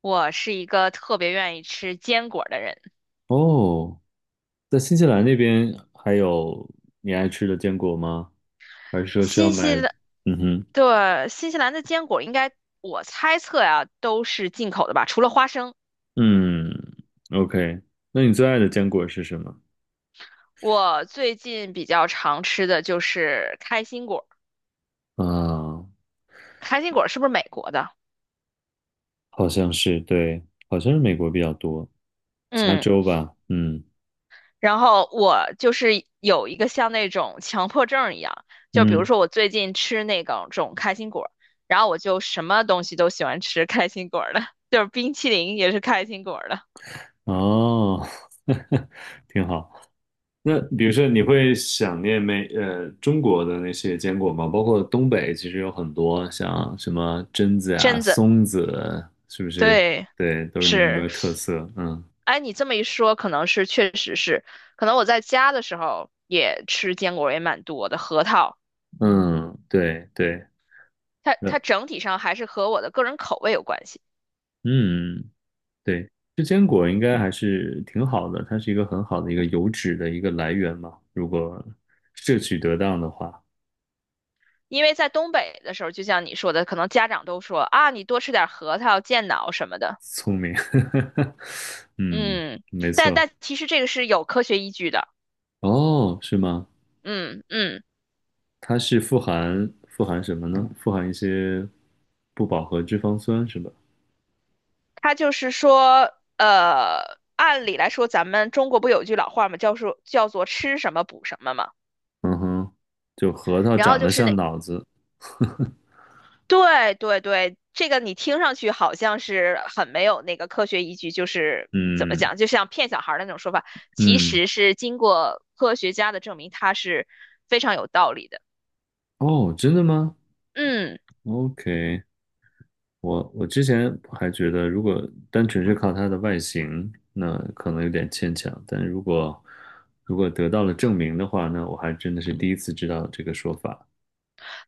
我是一个特别愿意吃坚果的人。哦，在新西兰那边还有你爱吃的坚果吗？还是说需要新西买？兰，嗯哼，对，新西兰的坚果应该，我猜测呀，都是进口的吧，除了花生。嗯，OK。那你最爱的坚果是什么？我最近比较常吃的就是开心果，啊，开心果是不是美国的？好像是，对，好像是美国比较多，加嗯，州吧，嗯然后我就是有一个像那种强迫症一样，就比如嗯，说我最近吃那个种开心果，然后我就什么东西都喜欢吃开心果的，就是冰淇淋也是开心果的，哦，挺好。那比如说，你会想念美中国的那些坚果吗？包括东北，其实有很多像什么榛子啊、榛子，松子，是不是？对。对，都是你们那是，边特色。嗯哎，你这么一说，可能是确实是，可能我在家的时候也吃坚果也蛮多的，核桃，嗯，对对，它那它整体上还是和我的个人口味有关系。嗯对，这坚果应该还是挺好的，它是一个很好的一个油脂的一个来源嘛，如果摄取得当的话，因为在东北的时候，就像你说的，可能家长都说啊，你多吃点核桃健脑什么的，聪明。嗯，嗯，没但错。但其实这个是有科学依据的，哦，是吗？嗯嗯，它是富含什么呢？富含一些不饱和脂肪酸是吧？它就是说，按理来说，咱们中国不有一句老话嘛，叫说叫做吃什么补什么嘛。嗯哼，就核桃然后长就得是像那脑子。对对对，这个你听上去好像是很没有那个科学依据，就是怎么嗯讲，就像骗小孩儿的那种说法，其嗯，实是经过科学家的证明，它是非常有道理的。哦，真的吗嗯，？OK，我之前还觉得，如果单纯是靠它的外形，那可能有点牵强。但如果如果得到了证明的话，那我还真的是第一次知道这个说法。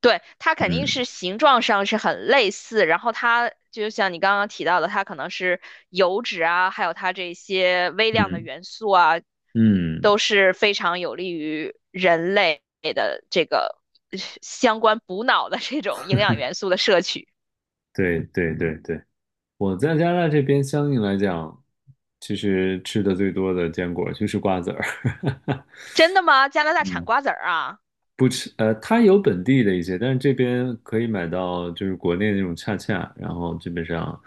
对，它肯定嗯是形状上是很类似，然后它就像你刚刚提到的，它可能是油脂啊，还有它这些微量的嗯元素啊，嗯，都是非常有利于人类的这个相关补脑的这种营养元素的摄取。对对对对，我在加拿大这边相应来讲，其实吃的最多的坚果就是瓜子儿。真的吗？加拿 大产嗯瓜子儿啊？不吃，它有本地的一些，但是这边可以买到就是国内那种恰恰，然后基本上，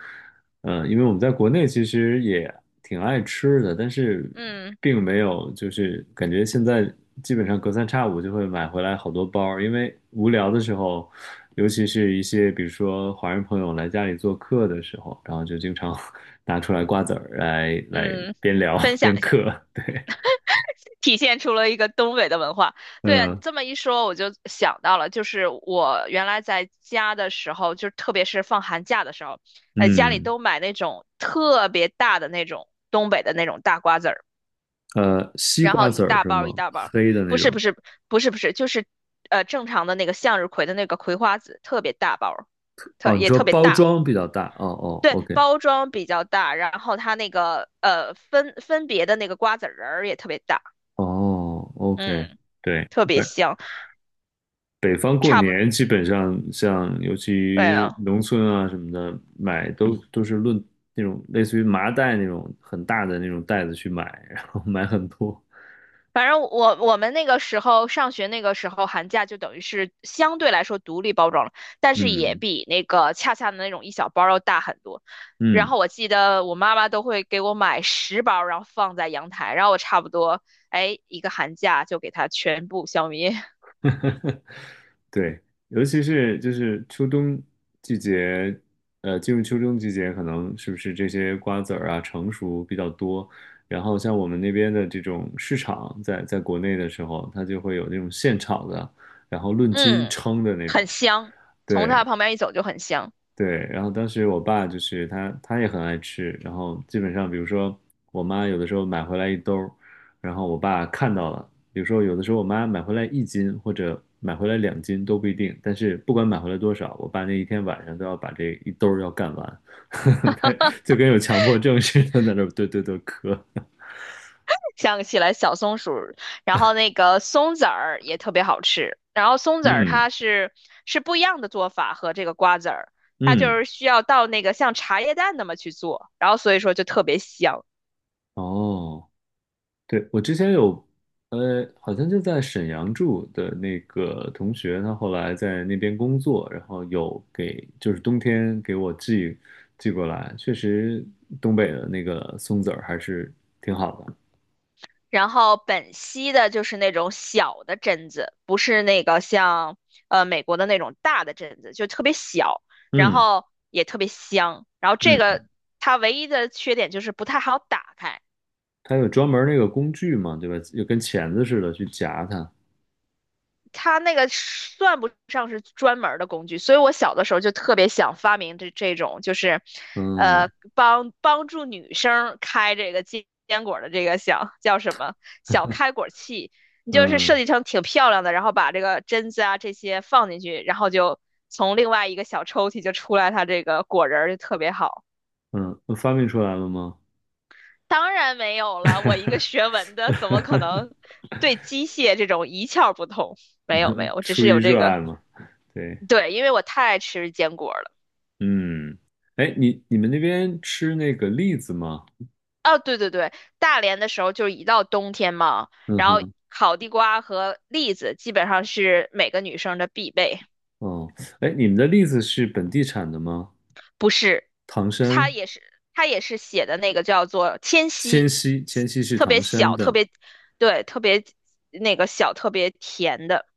因为我们在国内其实也挺爱吃的，但是嗯并没有就是感觉现在基本上隔三差五就会买回来好多包儿，因为无聊的时候，尤其是一些比如说华人朋友来家里做客的时候，然后就经常 拿出来瓜子儿来嗯，边聊分享边一嗑，下，对，体现出了一个东北的文化。对啊，你嗯这么一说，我就想到了，就是我原来在家的时候，就特别是放寒假的时候，家里嗯。都买那种特别大的那种东北的那种大瓜子儿，呃，西然瓜后一籽儿大是包一吗？大包，黑的那不是种。不是不是不是，就是正常的那个向日葵的那个葵花籽，特别大包儿，哦，你说特别包大。装比较大。哦哦对，，OK，包装比较大，然后它那个分别的那个瓜子仁儿也特别大，哦，OK，嗯，对。特别香，北方过差不年基本上像，尤对其了。农村啊什么的，买都是论那种类似于麻袋那种很大的那种袋子去买，然后买很多。反正我们那个时候上学那个时候寒假就等于是相对来说独立包装了，但是也嗯比那个恰恰的那种一小包要大很多。然嗯，后我记得我妈妈都会给我买十包，然后放在阳台，然后我差不多哎一个寒假就给它全部消灭，对，尤其是就是秋冬季节，进入秋冬季节，可能是不是这些瓜子儿啊成熟比较多，然后像我们那边的这种市场在，在国内的时候，它就会有那种现炒的，然后 论斤嗯，称的那种，很香，从它对，旁边一走就很香。对，然后当时我爸就是他也很爱吃，然后基本上比如说我妈有的时候买回来一兜儿，然后我爸看到了，比如说有的时候我妈买回来一斤或者买回来两斤都不一定，但是不管买回来多少，我爸那一天晚上都要把这一兜儿要干完，他就跟有强迫症似的在那儿对对对磕，想起来小松鼠，然后那个松子儿也特别好吃。然后松子儿嗯它是不一样的做法和这个瓜子儿，它就嗯，是需要到那个像茶叶蛋那么去做，然后所以说就特别香。哦。对，我之前有，好像就在沈阳住的那个同学，他后来在那边工作，然后有给，就是冬天给我寄过来，确实东北的那个松子儿还是挺好的。然后本溪的就是那种小的榛子，不是那个像美国的那种大的榛子，就特别小，然嗯后也特别香。然后这嗯，个它唯一的缺点就是不太好打开。它有专门儿那个工具嘛，对吧？就跟钳子似的去夹它。它那个算不上是专门儿的工具，所以我小的时候就特别想发明这种，就是，呃，嗯帮助女生开这个坚果的这个小叫什么小开果器，你就是设嗯计成挺漂亮的，然后把这个榛子啊这些放进去，然后就从另外一个小抽屉就出来它这个果仁儿就特别好。嗯，发明出来了吗？当然没有了，我一个学文的怎么可能 对机械这种一窍不通？没有没有，我只出是于有这热个。爱嘛，对。对，因为我太爱吃坚果了。嗯，哎，你们那边吃那个栗子吗？哦，对对对，大连的时候就是一到冬天嘛，嗯然后哼，烤地瓜和栗子基本上是每个女生的必备。哦，哎，你们的栗子是本地产的吗？不是，唐它山，也是它也是写的那个叫做天迁溪，西，迁西是特唐别山小，特的。别对，特别那个小，特别甜的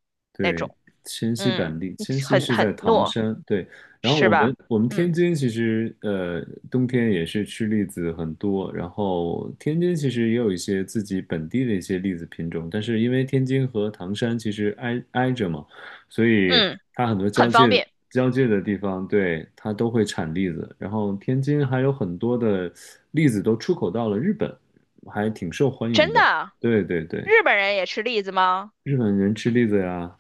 那对，种，迁西嗯，板栗，迁西很是在很唐糯，山，对。然后是我们吧？我们天嗯津其实冬天也是吃栗子很多，然后天津其实也有一些自己本地的一些栗子品种，但是因为天津和唐山其实挨挨着嘛，所以嗯，它很多交很方界便，交界的地方，对，它都会产栗子。然后天津还有很多的栗子都出口到了日本，还挺受欢迎真的。的。对对对。日本人也吃栗子吗？日本人吃栗子呀，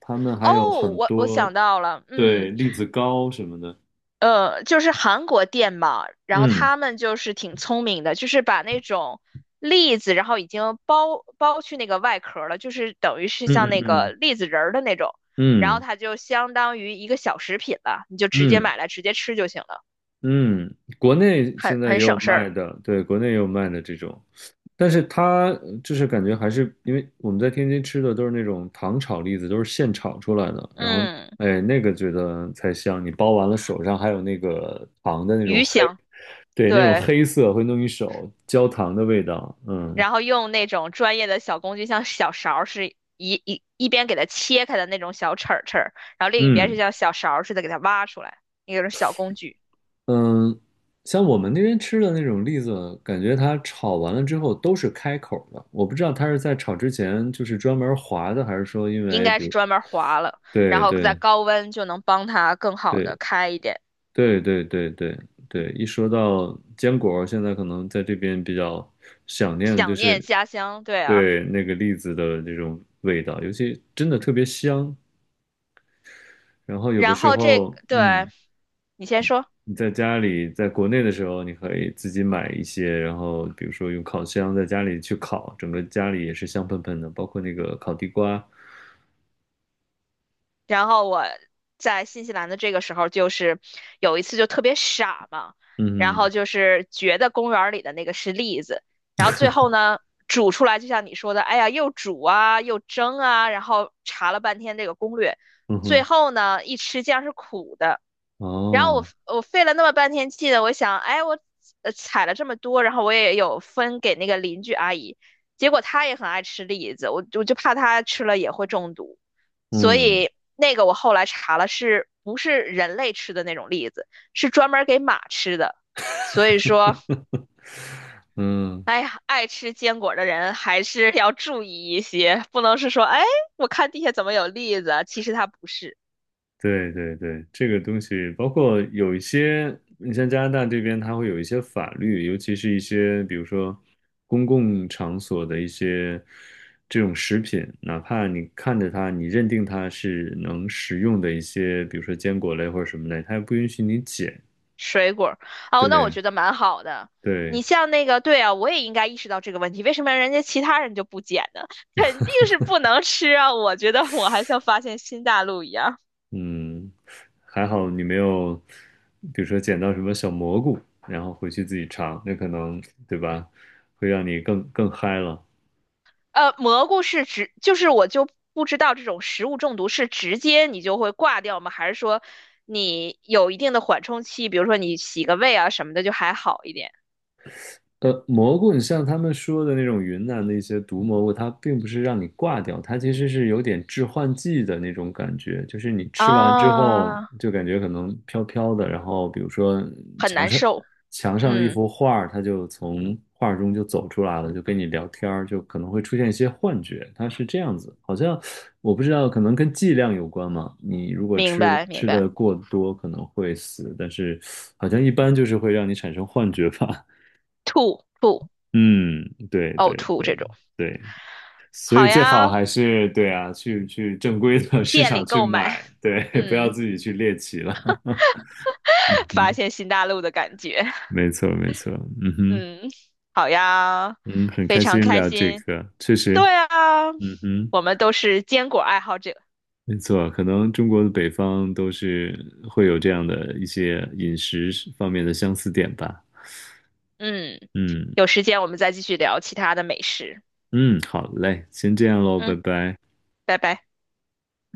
他们还有哦，很我我多，想到了，对，嗯，栗子糕什么的。就是韩国店嘛，然后嗯他们就是挺聪明的，就是把那种栗子，然后已经剥去那个外壳了，就是等于是像嗯那个嗯栗子仁儿的那种，然后嗯它就相当于一个小食品了，你就嗯直接嗯买来直接吃就行了，嗯，国内很现在也很有省事儿。卖的，对，国内也有卖的这种，但是它就是感觉还是因为我们在天津吃的都是那种糖炒栗子，都是现炒出来的，然后嗯，哎，那个觉得才香，你包完了手上还有那个糖的那种鱼黑，香，对，那种对，黑色会弄一手焦糖的味道，嗯。然后用那种专业的小工具，像小勺儿是一边给它切开的那种小齿儿，然后另一边是嗯像小勺儿似的给它挖出来，那种小工具，嗯，像我们那边吃的那种栗子，感觉它炒完了之后都是开口的。我不知道它是在炒之前就是专门划的，还是说因应为该比是如，专门划了，然对后在对高温就能帮它更好对的开一点，对对对对对，一说到坚果，现在可能在这边比较想念的就想念是家乡，对啊，对那个栗子的这种味道，尤其真的特别香。然后有的然时后这候，对，嗯。你先说。你在家里，在国内的时候，你可以自己买一些，然后比如说用烤箱在家里去烤，整个家里也是香喷喷的，包括那个烤地瓜。然后我在新西兰的这个时候，就是有一次就特别傻嘛，然后嗯就是觉得公园儿里的那个是栗子，然后最后呢煮出来，就像你说的，哎呀，又煮啊，又蒸啊，然后查了半天这个攻略，哼嗯最哼，后呢一吃竟然是苦的，然后我哦，我费了那么半天气的，我想，哎，我采了这么多，然后我也有分给那个邻居阿姨，结果她也很爱吃栗子，我就怕她吃了也会中毒，所嗯以那个我后来查了，是不是人类吃的那种栗子，是专门给马吃的，所以说，嗯，哎呀，爱吃坚果的人还是要注意一些，不能是说，哎，我看地下怎么有栗子啊其实它不是。对对对，这个东西包括有一些，你像加拿大这边，它会有一些法律，尤其是一些比如说公共场所的一些这种食品，哪怕你看着它，你认定它是能食用的一些，比如说坚果类或者什么类，它也不允许你捡。水果儿哦，那我对觉得蛮好的。对，你像那个，对啊，我也应该意识到这个问题，为什么人家其他人就不捡呢？肯定是不能吃啊！我觉得我还像发现新大陆一样。嗯，还好你没有，比如说捡到什么小蘑菇，然后回去自己尝，那可能，对吧，会让你更嗨了。蘑菇是直，就是我不知道这种食物中毒是直接你就会挂掉吗？还是说你有一定的缓冲期，比如说你洗个胃啊什么的就还好一点呃，蘑菇，你像他们说的那种云南的一些毒蘑菇，它并不是让你挂掉，它其实是有点致幻剂的那种感觉，就是你吃完之后啊？就感觉可能飘飘的，然后比如说很墙难上受，墙上的一嗯，幅画儿，它就从画儿中就走出来了，就跟你聊天儿，就可能会出现一些幻觉，它是这样子，好像我不知道，可能跟剂量有关嘛，你如果明吃了白明吃白，的过多可能会死，但是好像一般就是会让你产生幻觉吧。吐吐嗯，对呕对吐对这种。对，所好以最好呀，还是对啊，去正规的 市店里场去购买，买，对，不要嗯，自己去猎奇了。嗯 发哼，现新大陆的感觉，没错没错，嗯哼，嗯，好呀，嗯，很非开常心开聊这心。个，确实，对啊，嗯哼，我们都是坚果爱好者，没错，可能中国的北方都是会有这样的一些饮食方面的相似点吧。嗯，嗯有时间我们再继续聊其他的美食，嗯，好嘞，先这样喽，拜嗯，拜。拜拜。